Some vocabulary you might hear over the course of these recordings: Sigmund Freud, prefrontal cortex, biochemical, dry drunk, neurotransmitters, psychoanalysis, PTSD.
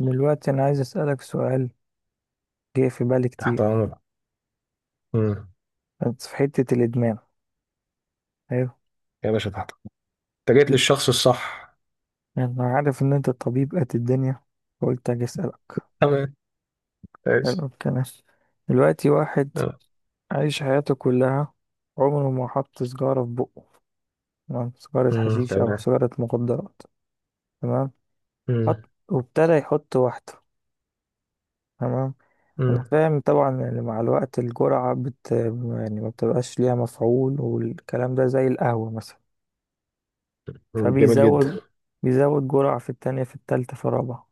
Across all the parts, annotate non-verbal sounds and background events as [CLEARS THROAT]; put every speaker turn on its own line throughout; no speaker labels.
دلوقتي أنا عايز أسألك سؤال جه في بالي
تحت
كتير.
امرك. امم
بس في حتة الإدمان. أيوه.
يا باشا تحت أمرك. انت جيت للشخص الصح.
أنا عارف إن أنت طبيب قد الدنيا، فقلت أجي أسألك.
تمام. كويس.
حلو الكلام. دلوقتي واحد
آه.
عايش حياته كلها عمره ما حط سيجارة في بقه، تمام، سيجارة حشيش أو
تمام.
سيجارة مخدرات. تمام.
امم
حط وابتدى يحط واحدة. تمام. أنا
امم
فاهم طبعا، يعني مع الوقت الجرعة يعني ما بتبقاش ليها مفعول، والكلام ده زي القهوة مثلا،
جميل جدا.
فبيزود جرعة في التانية في التالتة في الرابعة.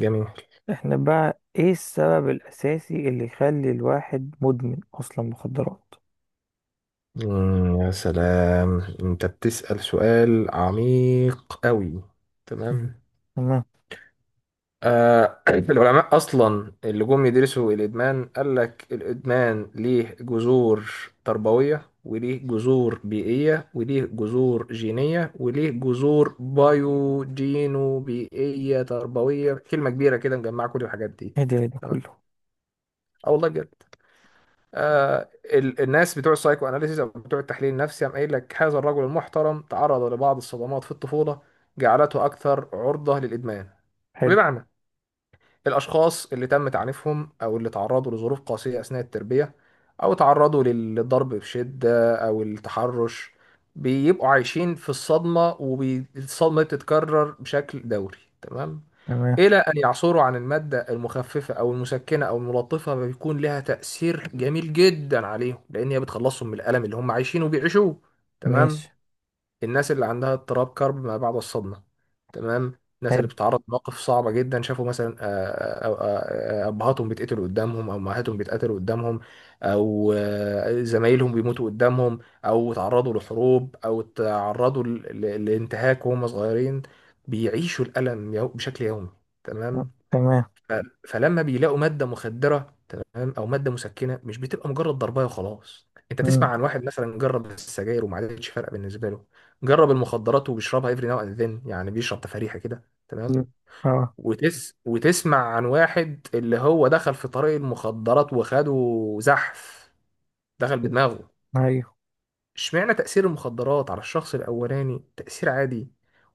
جميل.
احنا بقى ايه السبب الأساسي اللي يخلي الواحد مدمن أصلا مخدرات؟
يا سلام، انت بتسأل سؤال عميق قوي.
م.
تمام.
تمام.
آه، [CLEARS THROAT] العلماء أصلا اللي جم يدرسوا الإدمان قال لك الإدمان ليه جذور تربوية، وليه جذور بيئية، وليه جذور جينية، وليه جذور بايو جينو بيئية تربوية، كلمة كبيرة كده مجمعة كل الحاجات دي.
ايه ده، إيه ده
تمام.
كله؟
اه والله بجد. آه، الناس بتوع السايكو اناليسيس او بتوع التحليل النفسي قام قايل لك هذا الرجل المحترم تعرض لبعض الصدمات في الطفولة جعلته أكثر عرضة للإدمان.
حلو.
بمعنى، الأشخاص اللي تم تعنيفهم أو اللي تعرضوا لظروف قاسية أثناء التربية، أو تعرضوا للضرب بشدة أو التحرش، بيبقوا عايشين في الصدمة، والصدمة بتتكرر بشكل دوري. تمام.
تمام.
إلى أن يعثروا عن المادة المخففة أو المسكنة أو الملطفة، بيكون لها تأثير جميل جدا عليهم، لأن هي بتخلصهم من الألم اللي هم عايشينه وبيعيشوه.
ماشي.
تمام. الناس اللي عندها اضطراب كرب ما بعد الصدمة، تمام، الناس اللي
حلو.
بتتعرض لمواقف صعبة جدا، شافوا مثلا أبهاتهم بيتقتلوا قدامهم أو أمهاتهم بيتقتلوا قدامهم، أو زمايلهم بيموتوا قدامهم، أو تعرضوا لحروب، أو تعرضوا لانتهاك وهم صغيرين، بيعيشوا الألم بشكل يومي.
أه،
تمام.
تمام.
ف- فلما بيلاقوا ماده مخدره، تمام، او ماده مسكنه، مش بتبقى مجرد ضربايه وخلاص. انت تسمع
مم.
عن واحد مثلا جرب السجاير وما عادتش فارقه بالنسبه له، جرب المخدرات وبيشربها افري ناو اند ذن، يعني بيشرب تفاريحه كده، تمام.
مم. اه.
وتسمع عن واحد اللي هو دخل في طريق المخدرات وخده، زحف، دخل بدماغه.
ايوه.
اشمعنى تأثير المخدرات على الشخص الأولاني تأثير عادي،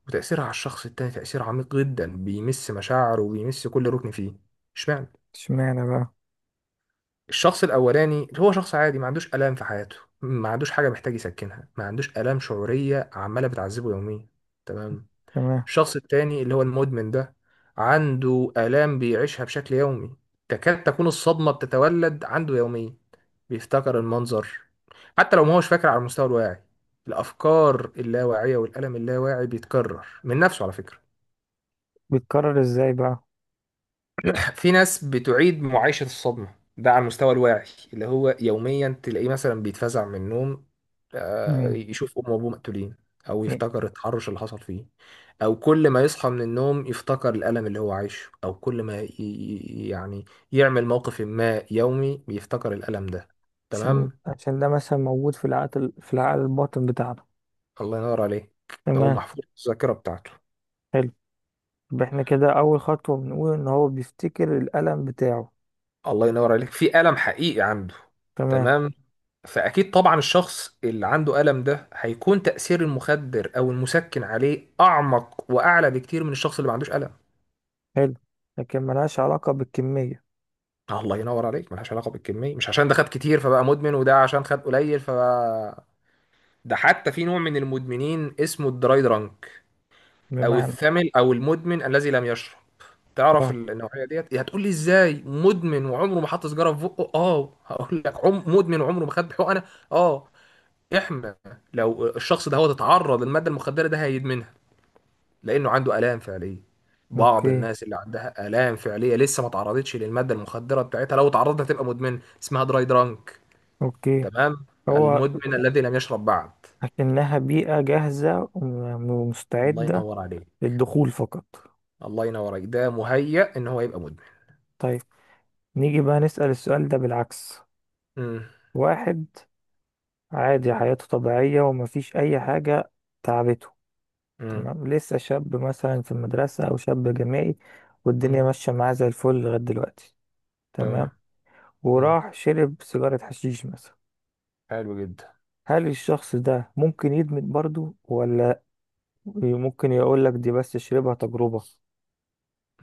وتأثيرها على الشخص التاني تأثير عميق جدا بيمس مشاعره وبيمس كل ركن فيه؟ اشمعنى؟
اشمعنى بقى؟
الشخص الاولاني هو شخص عادي ما عندوش الام في حياته، ما عندوش حاجه محتاج يسكنها، ما عندوش الام شعوريه عماله بتعذبه يوميا. تمام.
تمام.
الشخص التاني اللي هو المدمن ده، عنده الام بيعيشها بشكل يومي، تكاد تكون الصدمه بتتولد عنده يوميا، بيفتكر المنظر حتى لو ما هوش فاكر على المستوى الواعي. الافكار اللاواعيه والالم اللاواعي بيتكرر من نفسه على فكره.
بيتكرر ازاي بقى؟
في ناس بتعيد معايشة الصدمة ده على المستوى الواعي، اللي هو يوميا تلاقيه مثلا بيتفزع من النوم،
مم.
يشوف أمه وأبوه مقتولين، أو
إيه؟
يفتكر التحرش اللي حصل فيه، أو كل ما يصحى من النوم يفتكر الألم اللي هو عايشه، أو كل ما يعني يعمل موقف ما يومي بيفتكر الألم ده.
عشان
تمام.
عشان ده مثلا موجود في العقل، في العقل الباطن بتاعنا.
الله ينور عليك. أو
تمام.
محفور في الذاكرة بتاعته.
حلو. يبقى احنا كده أول خطوة بنقول إن هو بيفتكر الألم بتاعه.
الله ينور عليك، في ألم حقيقي عنده.
تمام.
تمام. فأكيد طبعا الشخص اللي عنده ألم ده هيكون تأثير المخدر أو المسكن عليه أعمق وأعلى بكتير من الشخص اللي ما عندوش ألم.
حلو. لكن ملهاش علاقة بالكمية.
الله ينور عليك، ملهاش علاقة بالكمية، مش عشان ده خد كتير فبقى مدمن، وده عشان خد قليل فبقى. ده حتى في نوع من المدمنين اسمه الدراي درانك، أو
بمعنى.
الثمل، أو المدمن الذي لم يشرب. تعرف
اه.
النوعية ديت؟ هتقول لي ازاي مدمن وعمره ما حط سيجارة في بقه؟ اه، هقول لك عم مدمن وعمره ما خد حقنة. اه، احنا لو الشخص ده هو اتعرض للماده المخدره ده هيدمنها، لانه عنده الام فعليه. بعض
اوكي.
الناس اللي عندها الام فعليه لسه ما تعرضتش للماده المخدره بتاعتها، لو اتعرضت هتبقى مدمنه، اسمها دراي درانك.
اوكي.
تمام.
هو
المدمن الذي لم يشرب بعد.
إنها بيئة جاهزة
الله
ومستعدة
ينور عليك.
للدخول فقط.
الله ينور عليك، ده مهيأ ان هو يبقى مدمن.
طيب، نيجي بقى نسأل السؤال ده بالعكس.
مم.
واحد عادي حياته طبيعية ومفيش أي حاجة تعبته،
مم.
تمام، لسه شاب مثلا في المدرسة أو شاب جامعي، والدنيا
مم.
ماشية معاه زي الفل لغاية دلوقتي. تمام.
تمام. مم.
وراح شرب سيجارة حشيش مثلا.
حلو جدا.
هل الشخص ده ممكن يدمن برضو، ولا ممكن يقول لك دي بس شربها تجربة؟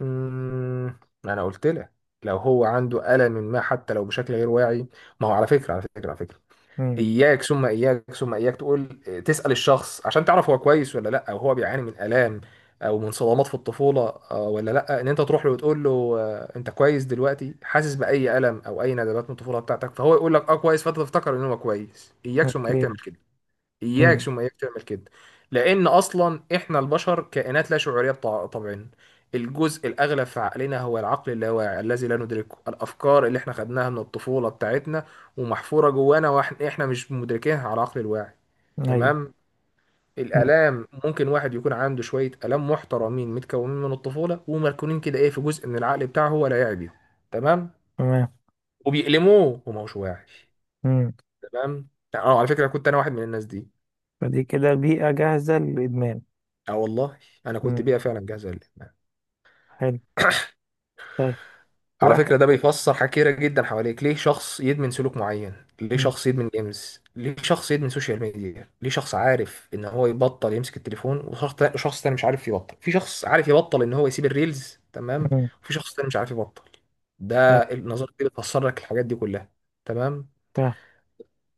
مم. انا قلت لك، لو هو عنده الم ما حتى لو بشكل غير واعي، ما هو على فكره على فكره على فكره،
امم.
اياك ثم اياك ثم اياك تقول تسأل الشخص عشان تعرف هو كويس ولا لا، او هو بيعاني من الام او من صدمات في الطفولة. ولا لا، ان انت تروح له وتقول له انت كويس دلوقتي، حاسس باي الم او اي ندبات من الطفولة بتاعتك؟ فهو يقول لك اه كويس، فانت تفتكر ان هو كويس. اياك ثم اياك
اوكي.
تعمل كده. اياك
امم.
ثم اياك تعمل كده، لان اصلا احنا البشر كائنات لا شعوريه طبعا. الجزء الاغلب في عقلنا هو العقل اللاواعي الذي لا ندركه، الافكار اللي احنا خدناها من الطفوله بتاعتنا ومحفوره جوانا، واحنا مش مدركينها على العقل الواعي.
ايوه.
تمام.
مم.
الالام، ممكن واحد يكون عنده شويه الام محترمين متكونين من الطفوله ومركونين كده ايه في جزء من العقل بتاعه هو لا يعي بيهم. تمام.
تمام.
وبيألموه وما هوش واعي.
امم.
تمام. اه على فكره كنت انا واحد من الناس دي.
فدي كده بيئة جاهزة للإدمان.
اه والله انا كنت
امم.
بيئه فعلا جاهزه للادمان.
حلو.
[COUGHS]
طيب،
على
واحد.
فكره ده بيفسر حاجات كتيره جدا حواليك. ليه شخص يدمن سلوك معين؟ ليه
مم.
شخص يدمن جيمز؟ ليه شخص يدمن سوشيال ميديا؟ ليه شخص عارف ان هو يبطل يمسك التليفون، وشخص شخص تاني مش عارف يبطل؟ في شخص عارف يبطل ان هو يسيب الريلز، تمام،
مم.
وفي شخص تاني مش عارف يبطل.
حلو.
ده النظريه دي بتفسر لك الحاجات دي كلها. تمام.
فاهم.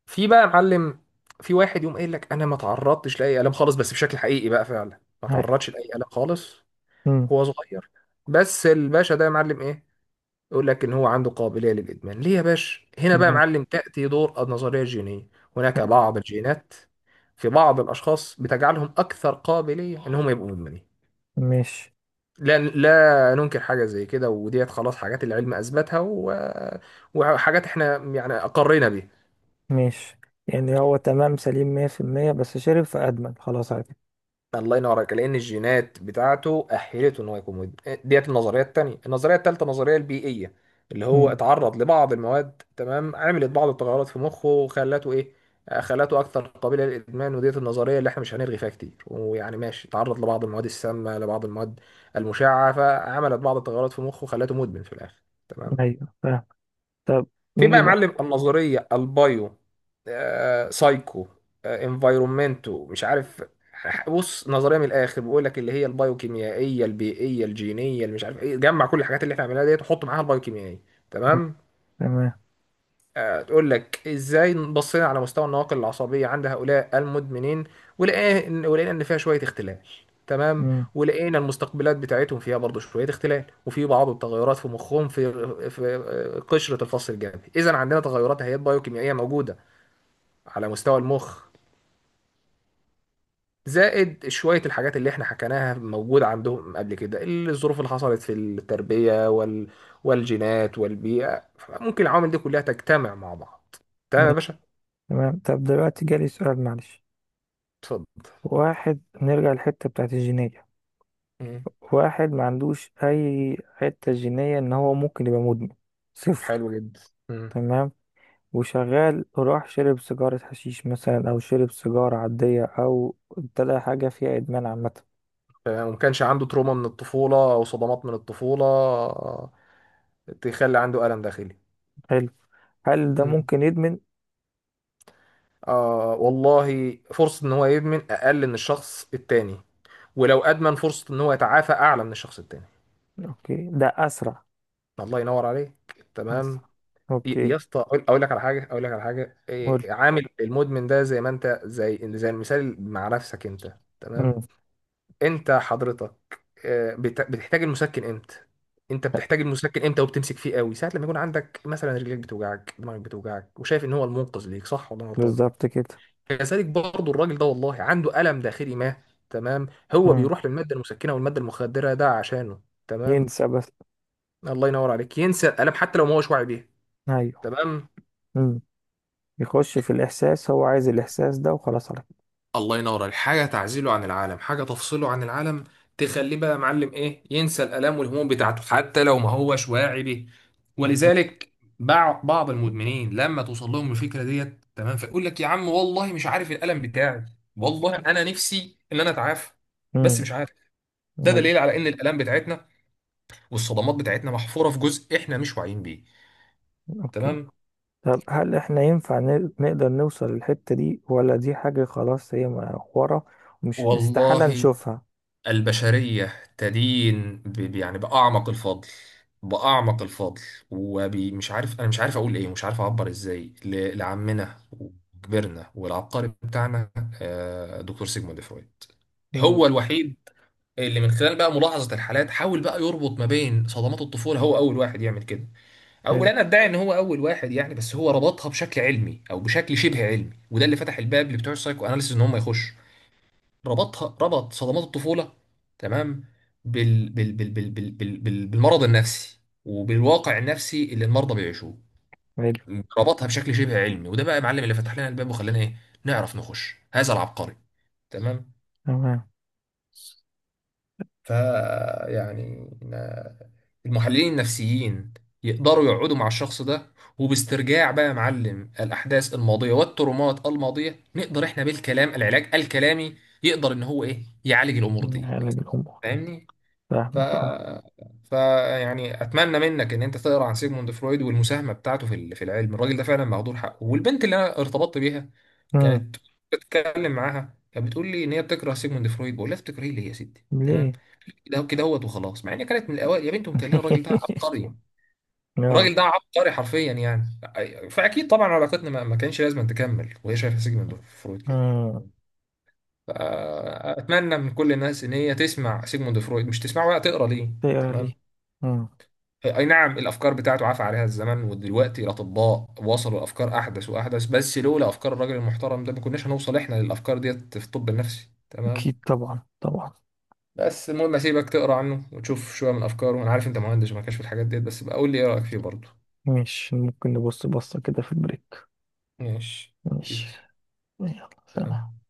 في بقى يا معلم، في واحد يقوم قايل لك انا ما تعرضتش لاي الام خالص، بس بشكل حقيقي بقى فعلا ما
ايوه.
تعرضش لاي الام خالص،
مم.
هو صغير، بس الباشا ده يا معلم ايه، يقول لك ان هو عنده قابليه للادمان. ليه يا باشا؟ هنا بقى يا
تمام.
معلم تاتي دور النظريه الجينيه. هناك
حلو.
بعض الجينات في بعض الاشخاص بتجعلهم اكثر قابليه ان هم يبقوا مدمنين.
ماشي.
لا، ننكر حاجه زي كده، وديت خلاص حاجات العلم اثبتها، و... وحاجات احنا يعني اقرينا بيها.
ماشي يعني، هو تمام سليم 100% بس شرب فأدمن خلاص على كده.
الله ينور عليك، لان الجينات بتاعته اهلته ان هو يكون مدمن. ديت النظريه الثانيه. النظريه الثالثه، النظريه البيئيه، اللي هو
مم.
اتعرض لبعض المواد، تمام، عملت بعض التغيرات في مخه وخلته ايه، خلته اكثر قابله للادمان. وديت النظريه اللي احنا مش هنلغي فيها كتير، ويعني ماشي، اتعرض لبعض المواد السامه، لبعض المواد المشعه، فعملت بعض التغيرات في مخه خلته مدمن في الاخر. تمام.
ايوه فاهم. طب
في بقى
نيجي
يا
بقى.
معلم النظريه البايو سايكو انفايرومنتو، مش عارف. بص، نظريه من الاخر بيقول لك اللي هي البايوكيميائيه البيئيه الجينيه اللي مش عارف ايه، جمع كل الحاجات اللي احنا عملناها ديت وحط معاها البايوكيميائيه.
مم.
تمام.
تمام.
تقول لك ازاي، بصينا على مستوى النواقل العصبيه عند هؤلاء المدمنين، ولقينا ان فيها شويه اختلال. تمام. ولقينا المستقبلات بتاعتهم فيها برضه شويه اختلال، وفي بعض التغيرات في مخهم، في قشره الفص الجبهي. اذا عندنا تغيرات هيئات بايوكيميائيه موجوده على مستوى المخ، زائد شويه الحاجات اللي احنا حكيناها موجوده عندهم قبل كده، الظروف اللي حصلت في التربيه وال والجينات والبيئه، ممكن العوامل دي كلها تجتمع مع بعض.
مم.
تمام يا باشا.
تمام. طب دلوقتي جالي سؤال معلش.
اتفضل.
واحد نرجع للحتة بتاعت الجينية.
مم.
واحد ما عندوش أي حتة جينية إن هو ممكن يبقى مدمن، صفر.
حلو جدا. مم.
تمام. وشغال راح شرب سيجارة حشيش مثلا أو شرب سيجارة عادية أو ابتدى حاجة فيها إدمان عامة.
تمام. وما كانش عنده تروما من الطفولة أو صدمات من الطفولة تخلي عنده ألم داخلي.
حلو. هل ده
مم.
ممكن يدمن؟
آه والله، فرصة إن هو يدمن أقل من الشخص التاني، ولو أدمن فرصة إن هو يتعافى أعلى من الشخص التاني.
أوكي، ده أسرع؟
الله ينور عليك. تمام.
أسرع. أوكي.
يا اسطى، أقول لك على حاجة، أقول لك على حاجة
قول.
إيه، عامل المدمن ده زي ما أنت، زي المثال مع نفسك أنت. تمام.
مم.
انت حضرتك بتحتاج المسكن امتى؟ انت بتحتاج المسكن امتى وبتمسك فيه قوي ساعه لما يكون عندك مثلا رجليك بتوجعك، دماغك بتوجعك، وشايف ان هو المنقذ ليك، صح ولا انا غلطان؟
بالظبط كده.
كذلك برضه الراجل ده والله عنده الم داخلي ما، تمام، هو
مم.
بيروح للماده المسكنه والماده المخدره ده عشانه. تمام.
ينسى بس.
الله ينور عليك، ينسى الالم حتى لو ما هوش واعي بيها.
أيوه.
تمام.
يخش في الإحساس، هو عايز الإحساس ده وخلاص على كده.
الله ينور عليك. حاجه تعزله عن العالم، حاجه تفصله عن العالم، تخليه بقى يا معلم ايه، ينسى الالام والهموم بتاعته حتى لو ما هوش واعي بيه. ولذلك بعض المدمنين لما توصل لهم الفكره ديت، تمام، فيقول لك يا عم والله مش عارف الالم بتاعي، والله انا نفسي ان انا اتعافى بس
امم.
مش عارف. ده دليل
أيوه.
على ان الالام بتاعتنا والصدمات بتاعتنا محفوره في جزء احنا مش واعيين بيه.
أوكي.
تمام.
طب هل إحنا ينفع نقدر نوصل للحتة دي، ولا دي حاجة خلاص هي ورا ومش استحالة
والله
نشوفها؟
البشرية تدين يعني بأعمق الفضل، بأعمق الفضل، ومش عارف، أنا مش عارف أقول إيه، مش عارف أعبر إزاي لعمنا وكبرنا والعبقري بتاعنا دكتور سيجموند فرويد. هو
امم.
الوحيد اللي من خلال بقى ملاحظة الحالات حاول بقى يربط ما بين صدمات الطفولة، هو أول واحد يعمل كده، أو
حلو.
لا أنا أدعي إن هو أول واحد يعني، بس هو ربطها بشكل علمي أو بشكل شبه علمي، وده اللي فتح الباب لبتوع السايكو أناليسيس إن هم يخشوا. ربطها، ربط صدمات الطفولة، تمام، بالمرض النفسي وبالواقع النفسي اللي المرضى بيعيشوه.
حلو.
ربطها بشكل شبه علمي، وده بقى يا معلم اللي فتح لنا الباب وخلانا ايه، نعرف نخش هذا العبقري. تمام.
تمام.
ف يعني المحللين النفسيين يقدروا يقعدوا مع الشخص ده، وباسترجاع بقى يا معلم الأحداث الماضية والترومات الماضية، نقدر احنا بالكلام، العلاج الكلامي، يقدر ان هو ايه يعالج الأمور دي.
علاج الأمور.
فاهمني؟ ف...
فاهمك أه.
ف يعني اتمنى منك ان انت تقرا عن سيجموند فرويد والمساهمه بتاعته في في العلم. الراجل ده فعلا مهدور حقه. والبنت اللي انا ارتبطت بيها
امم.
كانت بتتكلم معاها، كانت بتقول لي ان هي بتكره سيجموند فرويد. بقول لها بتكرهيه ليه يا ستي، تمام،
ليه؟
كده كده هوت وخلاص، مع ان كانت من الاوائل. يا بنت متهيألي الراجل ده
[LAUGHS]
عبقري، الراجل
آه.
ده عبقري حرفيا يعني. فاكيد طبعا علاقتنا ما كانش لازم تكمل وهي شايفه سيجموند فرويد كده.
امم.
فاتمنى من كل الناس ان هي تسمع سيجموند فرويد، مش تسمعه بقى، تقرا ليه.
تقرا ليه؟
تمام.
امم.
اي نعم الافكار بتاعته عفى عليها الزمن، ودلوقتي الاطباء وصلوا الافكار احدث واحدث، بس لولا افكار الراجل المحترم ده ما كناش هنوصل احنا للافكار ديت في الطب النفسي.
أكيد
تمام.
طبعا، طبعا.
بس المهم اسيبك تقرا عنه وتشوف شويه من افكاره، انا عارف انت مهندس وما كانش في الحاجات ديت، بس بقى قول لي ايه رايك فيه برضه.
مش ممكن نبص بصة كده في البريك؟
ماشي
ماشي.
بيس.
يلا سلام.
سلام.